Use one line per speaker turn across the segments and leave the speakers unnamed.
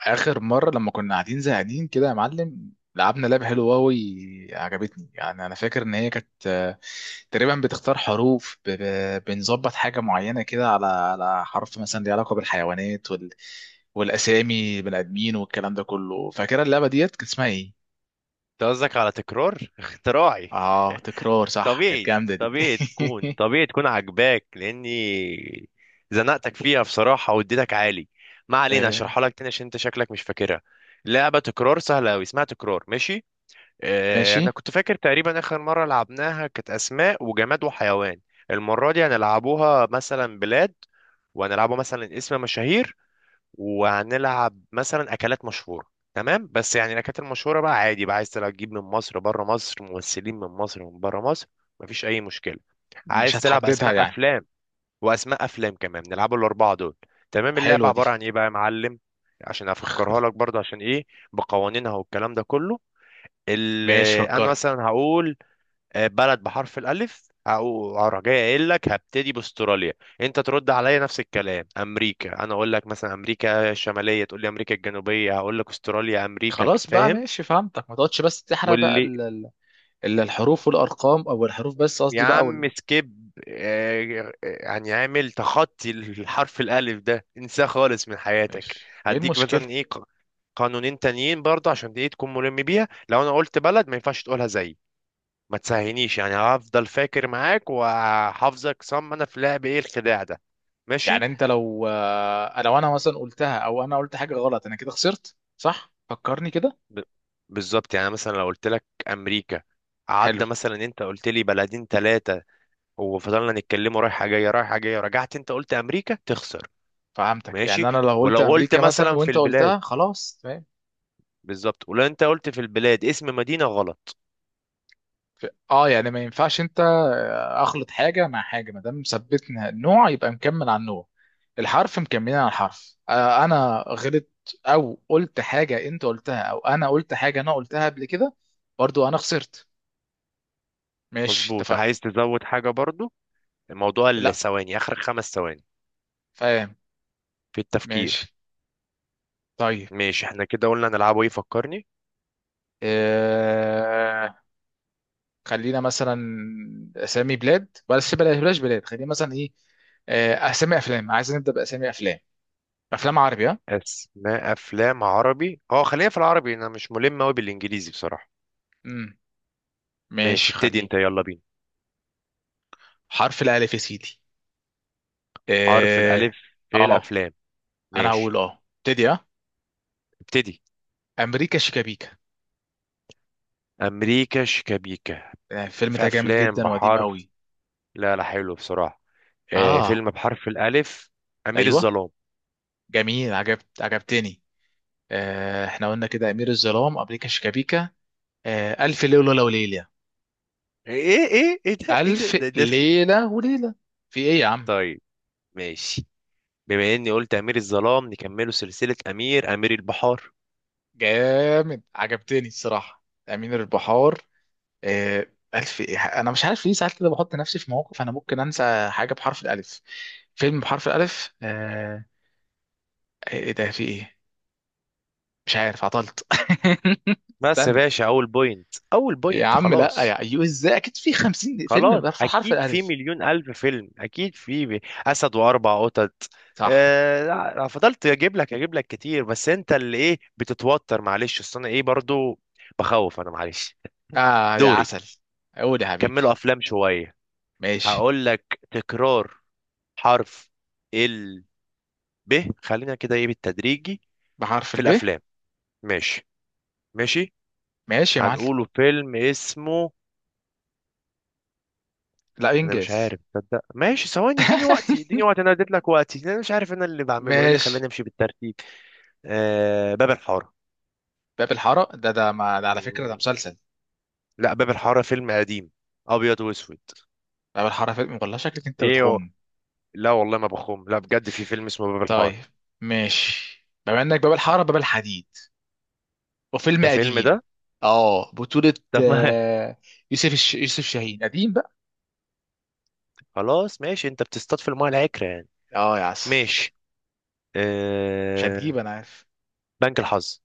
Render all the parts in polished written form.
اخر مره لما كنا قاعدين زهقانين كده يا معلم، لعبنا لعبه حلوه قوي. عجبتني يعني. انا فاكر ان هي كانت تقريبا بتختار حروف، بنظبط حاجه معينه كده على حرف مثلا ليه علاقه بالحيوانات والاسامي بني ادمين والكلام ده كله. فاكره اللعبه ديت كانت اسمها ايه؟
انت قصدك على تكرار؟ اختراعي.
اه تكرار، صح، كانت
طبيعي
جامده دي.
طبيعي تكون عجباك، لاني زنقتك فيها بصراحه واديتك عالي. ما علينا، اشرحها
آه،
لك تاني عشان انت شكلك مش فاكرها. لعبه تكرار سهله قوي، اسمها تكرار، ماشي. اه،
ماشي.
انا كنت فاكر تقريبا اخر مره لعبناها كانت اسماء وجماد وحيوان. المره دي هنلعبوها مثلا بلاد، وهنلعبوا مثلا اسم مشاهير، وهنلعب مثلا اكلات مشهوره. تمام، بس يعني الاكلات المشهوره بقى عادي، بقى عايز تلعب تجيب من مصر بره مصر، ممثلين من مصر ومن بره مصر، مفيش اي مشكله.
مش
عايز تلعب
هتحددها
اسماء
يعني.
افلام واسماء افلام كمان؟ نلعبوا الاربعه دول. تمام، اللعبه
حلوه دي.
عباره عن ايه بقى يا معلم، عشان افكرها لك برضه، عشان ايه بقوانينها والكلام ده كله. ال-
ماشي،
انا
فكرني.
مثلا هقول بلد بحرف الألف، أو أروح جاي قايل لك هبتدي بأستراليا. أنت ترد عليا نفس الكلام أمريكا، أنا أقول لك مثلا أمريكا الشمالية، تقول لي أمريكا الجنوبية، هقول لك أستراليا، أمريكا
خلاص بقى،
فاهم؟
ماشي فهمتك. ما تقعدش بس تحرق بقى
واللي
إلا الحروف والأرقام، أو الحروف بس
يا
قصدي بقى
عم سكيب، يعني عامل تخطي، الحرف الألف ده انساه خالص من حياتك.
ماشي. إيه
هديك
المشكلة؟
مثلا إيه، قانونين تانيين برضه عشان دي تكون ملم بيها، لو أنا قلت بلد ما ينفعش تقولها زي ما تسهينيش، يعني هفضل فاكر معاك وهحافظك صم، انا في لعب ايه الخداع ده؟ ماشي.
يعني أنت لو لو أنا مثلا قلتها، أو أنا قلت حاجة غلط، أنا كده خسرت صح؟ فكرني كده.
ب... بالظبط، يعني مثلا لو قلت لك امريكا
حلو،
عدى، مثلا انت قلت لي بلدين ثلاثه وفضلنا نتكلموا رايحه جايه رايحه جايه، رجعت انت قلت امريكا، تخسر.
فهمتك.
ماشي،
يعني أنا لو قلت
ولو قلت
أمريكا مثلا
مثلا في
وأنت
البلاد،
قلتها، خلاص تمام.
بالظبط، ولو انت قلت في البلاد اسم مدينه غلط.
اه، يعني ما ينفعش انت اخلط حاجه مع حاجه. ما دام ثبتنا النوع، يبقى مكمل على النوع، الحرف مكملين على الحرف. انا غلط، او قلت حاجه انت قلتها، او انا قلت حاجه انا قلتها قبل كده، برضو انا خسرت. ماشي
مظبوط،
اتفقنا.
عايز تزود حاجه برضو؟ الموضوع
لا.
الثواني، اخر خمس ثواني
فاهم.
في التفكير.
ماشي. طيب.
ماشي، احنا كده قلنا نلعبه ايه، فكرني.
آه... خلينا مثلا اسامي بلاد. بس بلاش بلاش بلاد، خلينا مثلا ايه، اسامي افلام. عايز نبدا باسامي افلام، افلام عربي، ها؟
اسماء افلام عربي، اه خلينا في العربي، انا مش ملم قوي بالانجليزي بصراحه.
امم.
ماشي،
ماشي
ابتدي
خلينا.
انت، يلا بينا.
حرف الالف يا سيدي.
حرف
اه.
الالف في
اه
الافلام،
انا
ماشي،
هقول، اه ابتدي، اه
ابتدي.
امريكا شيكابيكا.
امريكا شيكابيكا.
الفيلم
في
ده جامد
افلام
جدا وقديم
بحرف،
قوي.
لا لا حلو بصراحه، آه
اه
فيلم بحرف الالف، امير
ايوه
الظلام.
جميل، عجبتني. احنا قلنا كده امير الظلام، امريكا شيكابيكا، الف ليله وليله.
ايه ايه ايه إيه ده ايه ده
ألف
ده, ده في-
ليلة وليلة. في إيه يا عم؟
طيب، ماشي، بما اني قلت امير الظلام نكمله سلسله، امير، امير البحار.
جامد، عجبتني الصراحة، أمير البحار. آه، ألف إيه؟ أنا مش عارف ليه ساعات كده بحط نفسي في مواقف أنا ممكن أنسى حاجة بحرف الألف، فيلم بحرف الألف. إيه إيه ده، في إيه؟ مش عارف، عطلت.
بس يا
استنى.
باشا، اول بوينت اول
يا
بوينت،
عم لا،
خلاص.
يا أيوه إزاي، أكيد في 50 فيلم
خلاص
بحرف، حرف
اكيد في
الألف.
مليون الف فيلم، اكيد في اسد واربع قطط.
صح.
آه لا، فضلت اجيب لك كتير، بس انت اللي ايه بتتوتر، معلش اصل انا ايه برضو بخوف انا، معلش.
آه يا
دوري،
عسل. قول يا حبيبي.
كملوا افلام شويه،
ماشي.
هقول لك تكرار حرف ال ب، خلينا كده ايه بالتدريجي
بحرف
في
الب.
الافلام، ماشي، ماشي،
ماشي يا معلم.
هنقوله فيلم اسمه.
لا،
انا مش
إنجاز.
عارف تصدق، ماشي ثواني اديني وقتي اديني وقتي، انا اديت لك وقتي، انا مش عارف انا اللي بعمله ايه اللي
ماشي.
خلاني امشي بالترتيب. باب الحاره.
باب الحارة؟ ده ما ده على فكرة ده
مم.
مسلسل.
لا، باب الحاره فيلم قديم، ابيض واسود.
باب الحارة فيلم، والله شكلك انت
ايه هو؟
بتخم.
لا والله ما بخوم، لا بجد في فيلم اسمه باب الحاره.
طيب، ماشي. بما انك باب الحارة، باب الحديد، وفيلم
ده فيلم
قديم.
ده،
اه بطولة
طب ما.
آه، يوسف شاهين، قديم بقى.
خلاص ماشي، انت بتصطاد في المايه العكره يعني.
اه يا عسل.
ماشي،
مش هتجيب،
آه
انا عارف.
بنك الحظ.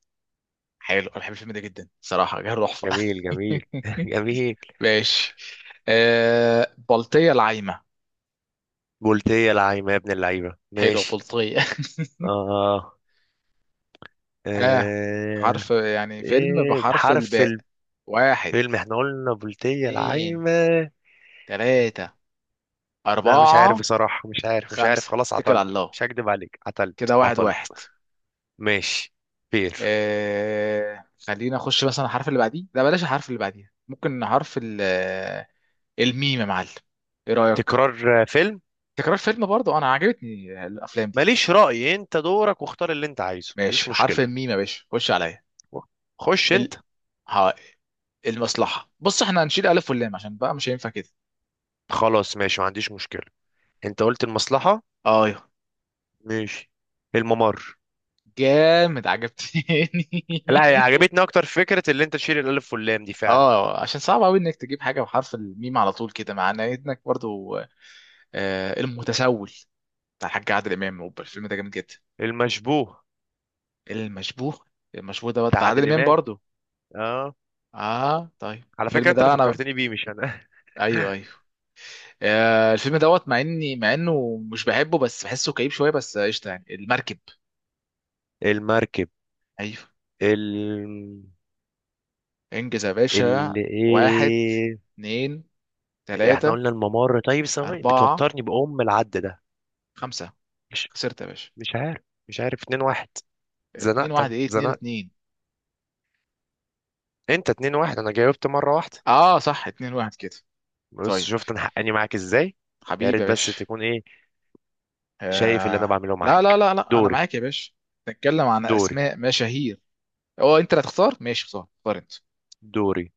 حلو، انا بحب الفيلم ده جدا صراحة، جه تحفة.
جميل جميل، جميل.
ماشي. بلطية العايمة.
قلت ايه يا لعيب يا ابن اللعيبه،
حلو،
ماشي،
بلطية.
اه.
ها.
آه،
حرف، يعني فيلم
ايه
بحرف
بحرف،
الباء. واحد،
الفيلم احنا قلنا بلطية
اتنين،
العايمة.
تلاتة،
لا مش عارف
أربعة،
بصراحة، مش عارف مش عارف،
خمسة،
خلاص
اتكل
عطلت،
على الله.
مش هكدب عليك عطلت،
كده واحد واحد.
عطلت. ماشي، فير،
خلينا أخش مثلا الحرف اللي بعديه. لا بلاش الحرف اللي بعديه، ممكن حرف ال الميم يا معلم. إيه رأيك؟
تكرار، فيلم.
تكرار فيلم برضه، أنا عجبتني الأفلام دي.
ماليش رأي، انت دورك، واختار اللي انت عايزه، مفيش
ماشي، حرف
مشكلة.
الميم يا باشا، خش عليا.
خش انت.
ال... ها... المصلحة. بص احنا هنشيل ألف واللام، عشان بقى مش هينفع كده.
خلاص ماشي، ما عنديش مشكلة، انت قلت المصلحة.
أيوه.
ماشي، الممر.
جامد، عجبتني.
لا هي عجبتني اكتر فكرة اللي انت تشيل الالف واللام دي فعلا.
اه عشان صعب قوي انك تجيب حاجه بحرف الميم على طول كده، مع انك برضو المتسول، بتاع الحاج عادل امام، أوبا، الفيلم ده جامد جدا.
المشبوه
المشبوه. المشبوه ده
بتاع
بتاع عادل
عادل
امام
امام،
برضو.
اه،
اه طيب،
على فكرة
الفيلم
انت اللي
ده انا،
فكرتني بيه، مش انا.
ايوه ايوه، الفيلم دوت، مع اني، مع انه مش بحبه، بس بحسه كئيب شويه، بس قشطه يعني، المركب.
المركب.
ايوه.
ال
انجز يا باشا.
ال
واحد،
ايه؟
اتنين،
احنا
تلاته،
قلنا الممر، طيب ثواني
اربعه،
بتوترني بأم العد ده،
خمسه،
مش
خسرت يا باشا.
مش عارف، مش عارف، اتنين واحد.
اتنين
زنقت،
واحد.
انا
ايه اتنين،
زنقت،
اتنين؟
انت اتنين واحد، انا جاوبت مرة واحدة.
اه صح، اتنين واحد كده.
بص
طيب،
شفت انا حقاني معاك ازاي، يا
حبيبي
ريت
يا
بس
باشا.
تكون ايه، شايف اللي انا بعمله
لا لا
معاك.
لا لا، انا
دوري،
معاك يا باشا. نتكلم عن
دوري،
اسماء مشاهير. هو انت اللي هتختار؟ ماشي، اختار، اختار انت.
دوري.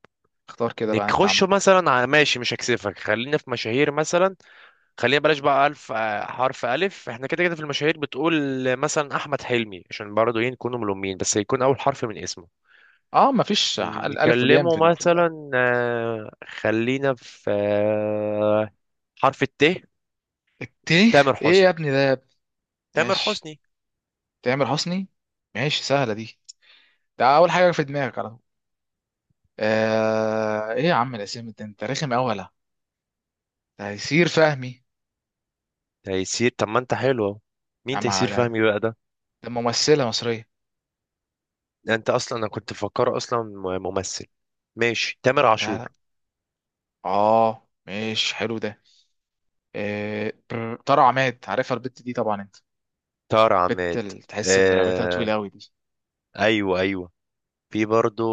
اختار كده بقى انت
نخش
عندك.
مثلا على، ماشي مش هكسفك، خلينا في مشاهير مثلا، خلينا بلاش بقى ألف، حرف ألف احنا كده كده، في المشاهير بتقول مثلا أحمد حلمي، عشان برضه ايه نكون ملومين بس يكون أول حرف من اسمه.
اه، مفيش الف والياء في
نكلمه مثلا خلينا في حرف الت،
الت.
تامر
ايه يا
حسني.
ابني ده، يا ابني؟
تامر
ماشي،
حسني،
تامر حسني. ماشي سهله دي، ده اول حاجه في دماغك على طول. ايه يا عم الاسامي ده، انت رخم قوي ولا؟ تيسير فهمي.
تيسير، طب ما انت حلو اهو،
يا
مين
عم
تيسير فهمي
ده،
بقى ده؟
ده ممثله مصريه.
ده انت اصلا انا كنت مفكره اصلا ممثل. ماشي، تامر
لا
عاشور.
لا، اه ماشي حلو ده. طارق عماد. عارفها البت دي طبعا انت،
تار
بت
عماد،
اللي تحس اللي رقبتها
آه...
طويله قوي دي.
ايوه ايوه، في برضو،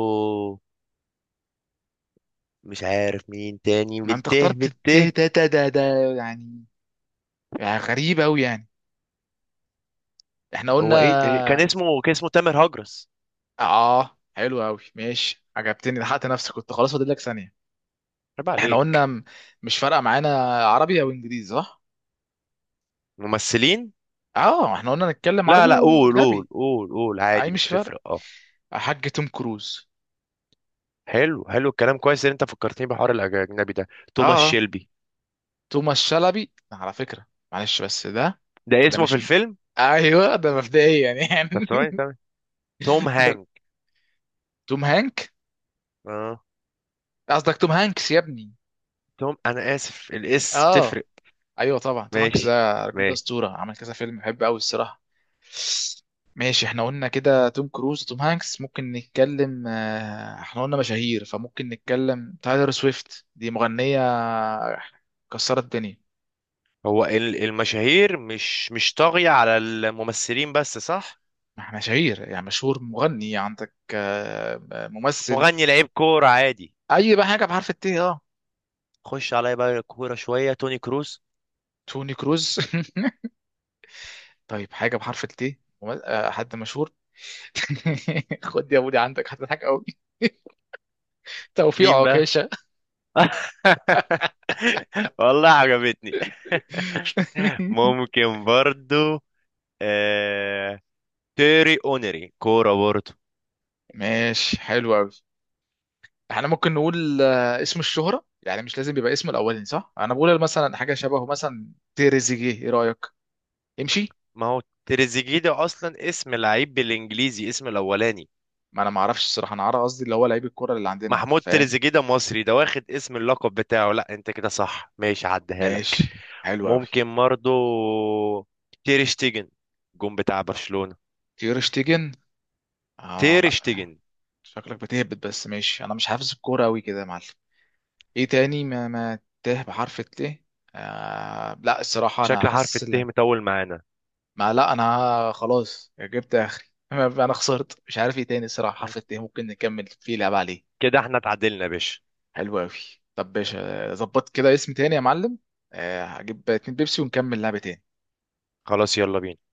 مش عارف مين تاني،
ما انت
بالته
اخترت ده.
بالته
ده يعني، يعني غريب قوي يعني. احنا
هو ايه كان
قلنا،
اسمه كان اسمه تامر هجرس،
اه حلو قوي، ماشي عجبتني. لحقت نفسك، كنت خلاص فاضل لك ثانيه.
عيب
احنا
عليك.
قلنا مش فارقه معانا، عربي او انجليزي صح؟
ممثلين،
اه، احنا قلنا نتكلم عربي
لا لا قول
واجنبي.
قول قول قول
اي
عادي مش
مش فارق.
تفرق، اه.
حاج توم كروز.
حلو حلو، الكلام كويس ان انت فكرتني بحوار الاجنبي ده،
اه.
توماس
آه.
شيلبي.
توماس شلبي على فكرة، معلش بس ده،
ده
ده
اسمه في
مش
الفيلم،
ايوه، ده مبدئيا يعني.
طب ثواني، تمام، توم
ده
هانك.
توم هانك.
اه،
قصدك توم هانكس يا ابني.
توم انا اسف،
اه
تفرق.
ايوه طبعا. توم هانكس،
ماشي،
ده الراجل ده
ماشي.
اسطورة، عمل كذا فيلم بحبه قوي الصراحة. ماشي. احنا قلنا كده توم كروز وتوم هانكس. ممكن نتكلم احنا قلنا مشاهير، فممكن نتكلم تايلر سويفت، دي مغنية كسرت الدنيا.
هو المشاهير مش طاغية على الممثلين بس، صح؟
ما احنا مشاهير، يعني مشهور مغني عندك، ممثل.
مغني لعيب كورة عادي،
اي بقى حاجه بحرف الت اه.
خش عليا بقى كورة، شوية، توني كروز.
توني كروز. طيب، حاجه بحرف الت، حد مشهور. خد يا بودي عندك هتضحك قوي. توفيق
مين بقى؟
عكاشه.
والله عجبتني، ممكن برضو. آه... تيري اونري، كورة برضو.
ماشي، حلو قوي. احنا ممكن نقول اسم الشهرة يعني، مش لازم يبقى اسم الاولاني صح؟ انا بقول مثلا حاجة شبهه، مثلا تريزيجيه، ايه رأيك؟ امشي.
ما هو تريزيجيه ده اصلا اسم لعيب بالانجليزي اسم الاولاني.
ما انا ما اعرفش الصراحة، انا عارف قصدي اللي هو لعيب الكرة اللي عندنا،
محمود
فاهم؟
تريزيجيه ده مصري، ده واخد اسم اللقب بتاعه، لا انت كده صح ماشي، عديها لك.
ماشي، حلو قوي.
ممكن برضو، تير شتيجن، جون بتاع برشلونة،
تير شتيجن. اه
تير
لا،
شتيجن.
شكلك بتهبط بس. ماشي انا مش حافظ الكوره قوي كده يا معلم. ايه تاني؟ ما تاه بحرف الت. لا، الصراحه انا
شكل حرف
حاسس
الت
ان
مطول معانا،
ما لا، انا خلاص جبت اخري. انا خسرت، مش عارف ايه تاني الصراحه. حرف الت ممكن نكمل فيه، لعب عليه.
كده احنا اتعادلنا يا باشا.
حلو قوي. طب باشا، ظبط كده اسم تاني يا معلم. هجيب 2 بيبسي ونكمل لعبه تاني.
خلاص يلا بينا.